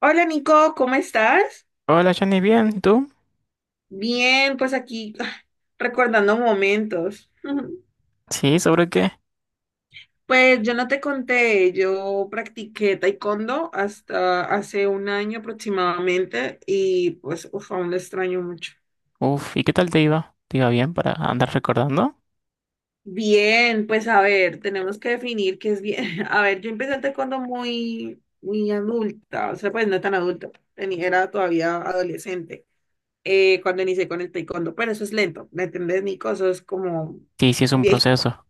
Hola Nico, ¿cómo estás? Hola Johnny, bien, ¿tú? Bien, pues aquí recordando momentos. Sí, ¿sobre qué? Pues yo no te conté, yo practiqué taekwondo hasta hace un año aproximadamente y pues uf, aún lo extraño mucho. Uf, ¿y qué tal te iba? ¿Te iba bien para andar recordando? Bien, pues a ver, tenemos que definir qué es bien. A ver, yo empecé el taekwondo muy, muy adulta, o sea, pues no tan adulta, era todavía adolescente cuando inicié con el taekwondo, pero eso es lento, ¿me entendés, Nico? Eso es como Sí, sí es un proceso.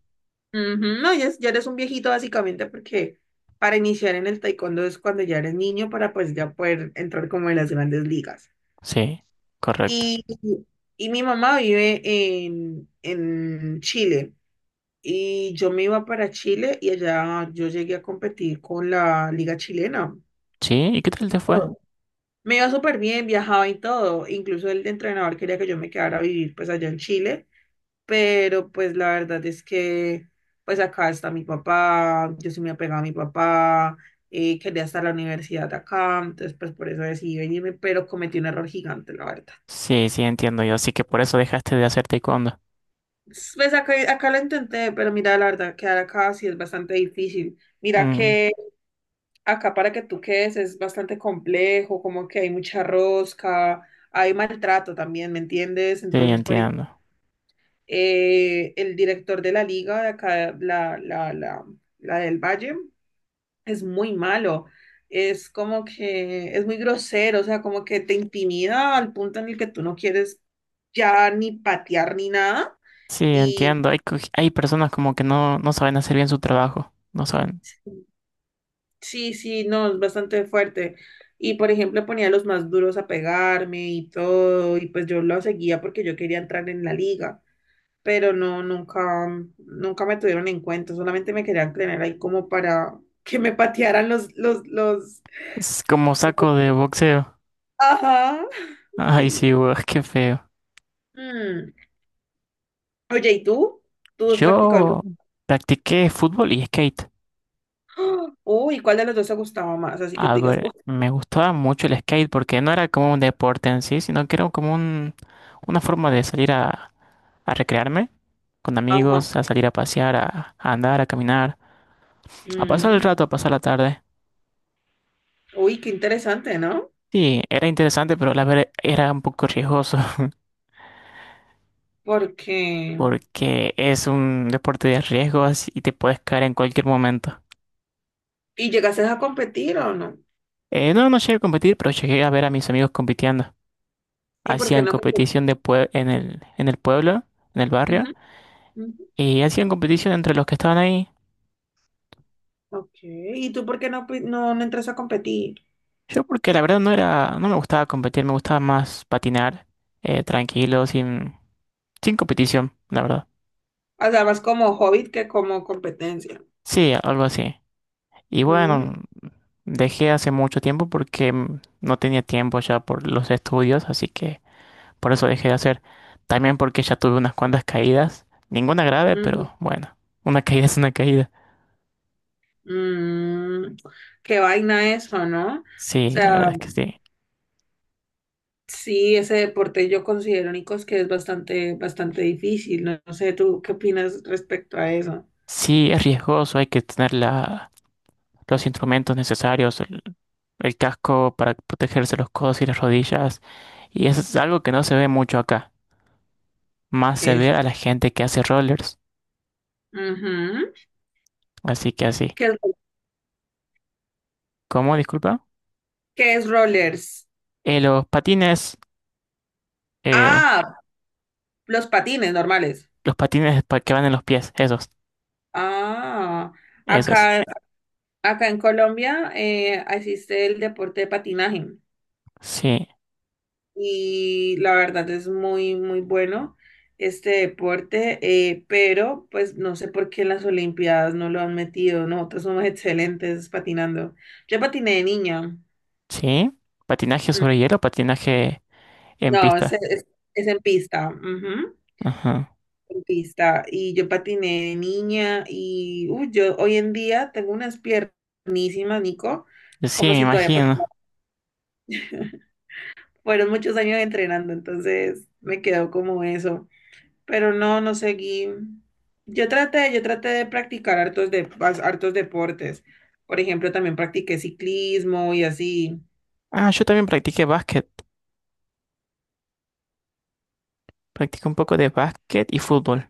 ujú. No, ya, ya eres un viejito básicamente porque para iniciar en el taekwondo es cuando ya eres niño para pues ya poder entrar como en las grandes ligas. Sí, correcto. Y, y mi mamá vive en Chile y yo me iba para Chile y allá yo llegué a competir con la liga chilena. Sí, ¿y qué tal te fue? Oh, me iba súper bien, viajaba y todo. Incluso el entrenador quería que yo me quedara a vivir pues allá en Chile, pero pues la verdad es que pues acá está mi papá, yo sí me apegaba a mi papá, quería estar a la universidad acá, entonces pues por eso decidí venirme, pero cometí un error gigante, la verdad. Sí, sí, entiendo yo, así que por eso dejaste de hacer taekwondo. Pues acá lo intenté, pero mira, la verdad, quedar acá sí es bastante difícil. Mira Mm, que acá para que tú quedes es bastante complejo, como que hay mucha rosca, hay maltrato también, ¿me entiendes? sí, Entonces, por ejemplo, entiendo. El director de la liga de acá, la del Valle, es muy malo. Es como que es muy grosero, o sea, como que te intimida al punto en el que tú no quieres ya ni patear ni nada. Sí, Y entiendo. Hay, hay personas como que no, no saben hacer bien su trabajo. No saben. sí, sí, no, es bastante fuerte. Y por ejemplo, ponía a los más duros a pegarme y todo, y pues yo lo seguía porque yo quería entrar en la liga, pero no, nunca, nunca me tuvieron en cuenta, solamente me querían tener ahí como para que me patearan Es como saco de boxeo. ajá. Ay, sí, weón, qué feo. Sí. Oye, ¿y tú? ¿Tú has practicado algo? Yo practiqué fútbol y skate. ¡Ah! Uy, ¿cuál de los dos te gustaba más? Así que te A digas, uy, ver, me gustaba mucho el skate porque no era como un deporte en sí, sino que era como una forma de salir a recrearme con ajá. amigos, a salir a pasear, a andar, a caminar, a pasar el mm, rato, a pasar la tarde. Uy, qué interesante, ¿no? Sí, era interesante, pero la verdad era un poco riesgoso Porque... porque es un deporte de riesgos y te puedes caer en cualquier momento. ¿Y llegaste a competir o no? No, no llegué a competir, pero llegué a ver a mis amigos compitiendo. ¿Y por qué Hacían no competición competiste? de en el pueblo, en el barrio, y hacían competición entre los que estaban ahí. Ok, ¿y tú por qué no, no, no entras a competir? Yo porque la verdad no era, no me gustaba competir, me gustaba más patinar, tranquilo, sin competición, la verdad. O sea, más como hobbit que como competencia. Sí, algo así. Y Mm, bueno, dejé hace mucho tiempo porque no tenía tiempo ya por los estudios, así que por eso dejé de hacer. También porque ya tuve unas cuantas caídas, ninguna grave, mm, pero bueno, una caída es una caída. mm. Qué vaina eso, ¿no? O Sí, la sea, verdad es que sí. sí, ese deporte yo considero, Nicos, que es bastante, bastante difícil. No, no sé, ¿tú qué opinas respecto a eso? Sí, es riesgoso, hay que tener los instrumentos necesarios, el casco para protegerse los codos y las rodillas. Y eso es algo que no se ve mucho acá. Más se ve Es, a la gente que hace rollers. ujú. Así que así. ¿Qué, es ¿Cómo? Disculpa. qué es rollers? Los patines. eh, Ah, los patines normales. los patines que van en los pies. Esos. Ah, Esos. acá, acá en Colombia existe el deporte de patinaje. Sí. Y la verdad es muy, muy bueno este deporte, pero pues no sé por qué en las Olimpiadas no lo han metido, nosotros somos excelentes patinando. Yo patiné de niña. Sí. Patinaje Mm, sobre hielo, patinaje en no, pista. Es en pista, ujú, Ajá. en pista, y yo patiné de niña y uy, yo hoy en día tengo unas piernísimas, Nico, Sí, como me si todavía patinara. imagino. Fueron muchos años entrenando, entonces me quedó como eso. Pero no, no seguí. Yo traté de practicar hartos, hartos deportes. Por ejemplo, también practiqué ciclismo y así, Ah, yo también practiqué básquet. Practiqué un poco de básquet y fútbol.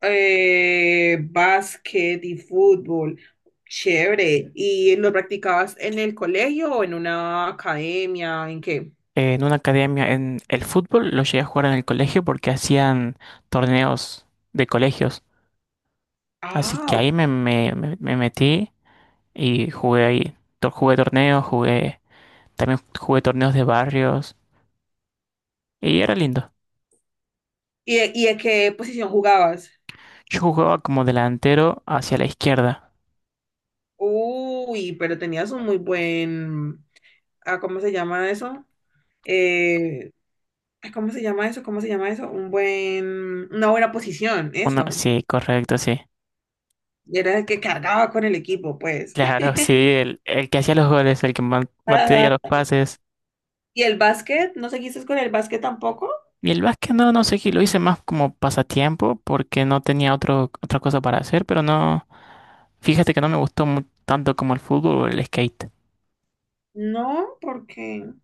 básquet y fútbol. Chévere. ¿Y lo practicabas en el colegio o en una academia? ¿En qué? En una academia, en el fútbol lo llegué a jugar en el colegio porque hacían torneos de colegios. Así Ah, que ok. ahí me metí y jugué ahí. Jugué torneos, jugué, también jugué torneos de barrios y era lindo. ¿Y, y de qué posición jugabas? Yo jugaba como delantero hacia la izquierda. Uy, pero tenías un muy buen, ah, ¿cómo se llama eso? Eh, Ay, ¿cómo se llama eso? ¿Cómo se llama eso? Un buen, una buena posición, Uno, eso. sí, correcto, sí. Era el que cargaba con el equipo, pues. Claro, sí, el que hacía los goles, el que mantenía los Ajá. pases. ¿Y el básquet? ¿No seguiste con el básquet tampoco? Y el básquet no, no sé qué, lo hice más como pasatiempo porque no tenía otro, otra cosa para hacer, pero no, fíjate que no me gustó tanto como el fútbol o el skate. No, porque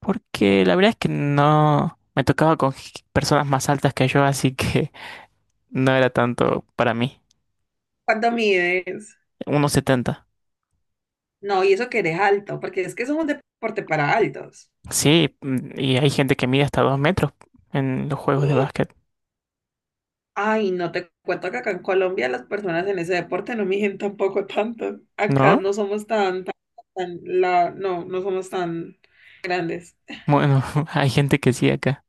Porque la verdad es que no me tocaba con personas más altas que yo, así que no era tanto para mí. ¿cuánto mides? 1,70. No, y eso que eres alto, porque es que es un deporte para altos. Sí, mm, y hay gente que mide hasta 2 metros en los juegos de básquet, Ay, no te cuento que acá en Colombia las personas en ese deporte no miden tampoco tanto. Acá ¿no? no somos tan, tan, no, no somos tan grandes. Bueno, hay gente que sí acá.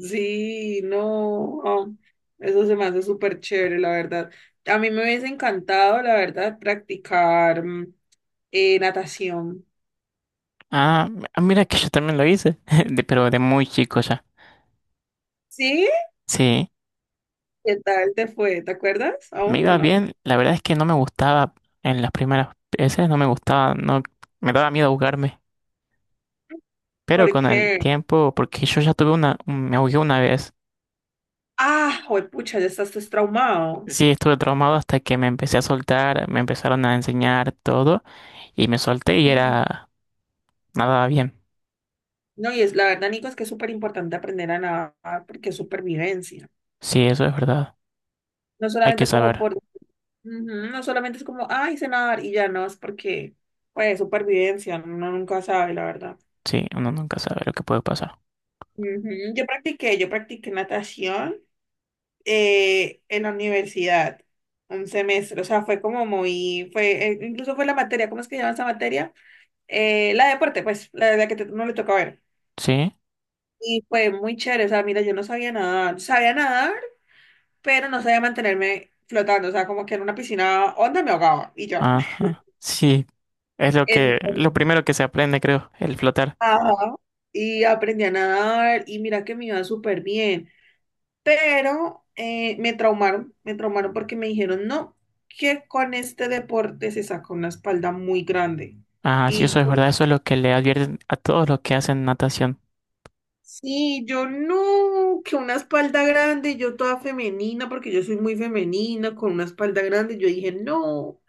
Sí, no, oh, eso se me hace súper chévere, la verdad. A mí me hubiese encantado, la verdad, practicar natación. Ah, ah, mira que yo también lo hice, pero de muy chico ya. ¿Sí? Sí, ¿Qué tal te fue? ¿Te acuerdas me aún o iba no? bien, la verdad es que no me gustaba en las primeras veces, no me gustaba, no me daba miedo ahogarme. Pero con el Porque, tiempo, porque yo ya tuve una, me ahogué una vez. ah, pucha, ya estás pues, traumado. Sí, estuve traumado hasta que me empecé a soltar, me empezaron a enseñar todo y me solté y Ujú. era nada bien. No, y es la verdad, Nico, es que es súper importante aprender a nadar porque es supervivencia. Sí, eso es verdad. No Hay que solamente como saber. por, ujú, no solamente es como, ay, sé nadar y ya no, es porque, pues, supervivencia, uno nunca sabe, la verdad. Sí, uno nunca sabe lo que puede pasar. Ujú. Yo practiqué natación en la universidad, un semestre, o sea, fue como muy, incluso fue la materia, ¿cómo es que se llama esa materia? La de deporte, pues, la que no le toca ver. Sí, Y fue muy chévere, o sea, mira, yo no sabía nadar, sabía nadar, pero no sabía mantenerme flotando, o sea, como que en una piscina onda me ahogaba, y yo. ajá. Sí, es lo que, Entonces, lo primero que se aprende, creo, el flotar. ajá, y aprendí a nadar, y mira que me iba súper bien. Pero me traumaron porque me dijeron, no, que con este deporte se saca una espalda muy grande. Ah, sí, eso Y es yo, verdad. Eso es lo que le advierten a todos los que hacen natación. sí, yo no, que una espalda grande, yo toda femenina, porque yo soy muy femenina, con una espalda grande, yo dije, no,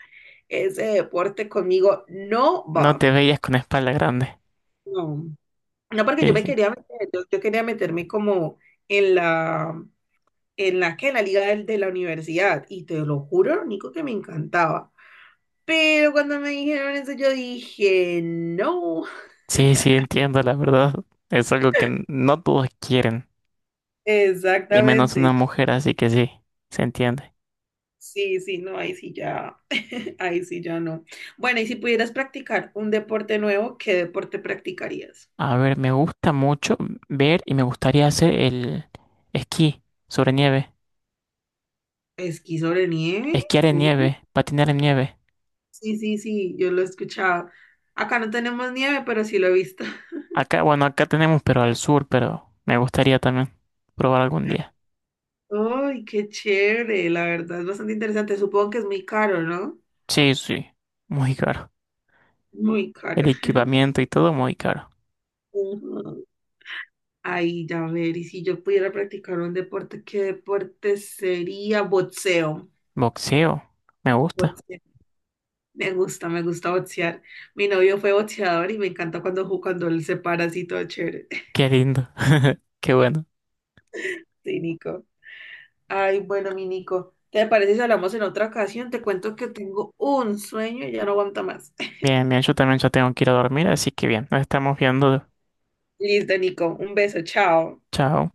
ese deporte conmigo no No va. te veías con espalda grande. No, no porque yo Sí, me sí. quería meter, yo quería meterme como en la, en la que, en la liga la universidad, y te lo juro, lo único que me encantaba. Pero cuando me dijeron eso, yo dije, no. Sí, sí, entiendo, la verdad. Es algo que no todos quieren, y menos Exactamente. una mujer, así que sí, se entiende. Sí, sí, no, ahí sí ya, ahí sí ya no. Bueno, y si pudieras practicar un deporte nuevo, ¿qué deporte practicarías? A ver, me gusta mucho ver y me gustaría hacer el esquí sobre nieve, ¿Esquí sobre nieve? esquiar en Uh, nieve, patinar en nieve. sí, sí, sí, yo lo he escuchado. Acá no tenemos nieve, pero sí lo he visto. Acá, bueno, acá tenemos, pero al sur, pero me gustaría también probar algún día. Uy, qué chévere, la verdad es bastante interesante. Supongo que es muy caro, ¿no? Sí, sí, muy caro. Muy El caro. equipamiento y todo muy caro. Ujú. Ay, ya ver, y si yo pudiera practicar un deporte, ¿qué deporte sería? Boxeo. Boxeo, me gusta. Boxeo. Me gusta boxear. Mi novio fue boxeador y me encanta cuando, cuando él se para así todo chévere. Qué lindo. Qué bueno. Sí, Nico. Ay, bueno, mi Nico, ¿te parece si hablamos en otra ocasión? Te cuento que tengo un sueño y ya no aguanta más. Bien, bien, yo también ya tengo que ir a dormir, así que bien, nos estamos viendo. Listo, Nico. Un beso, chao. Chao.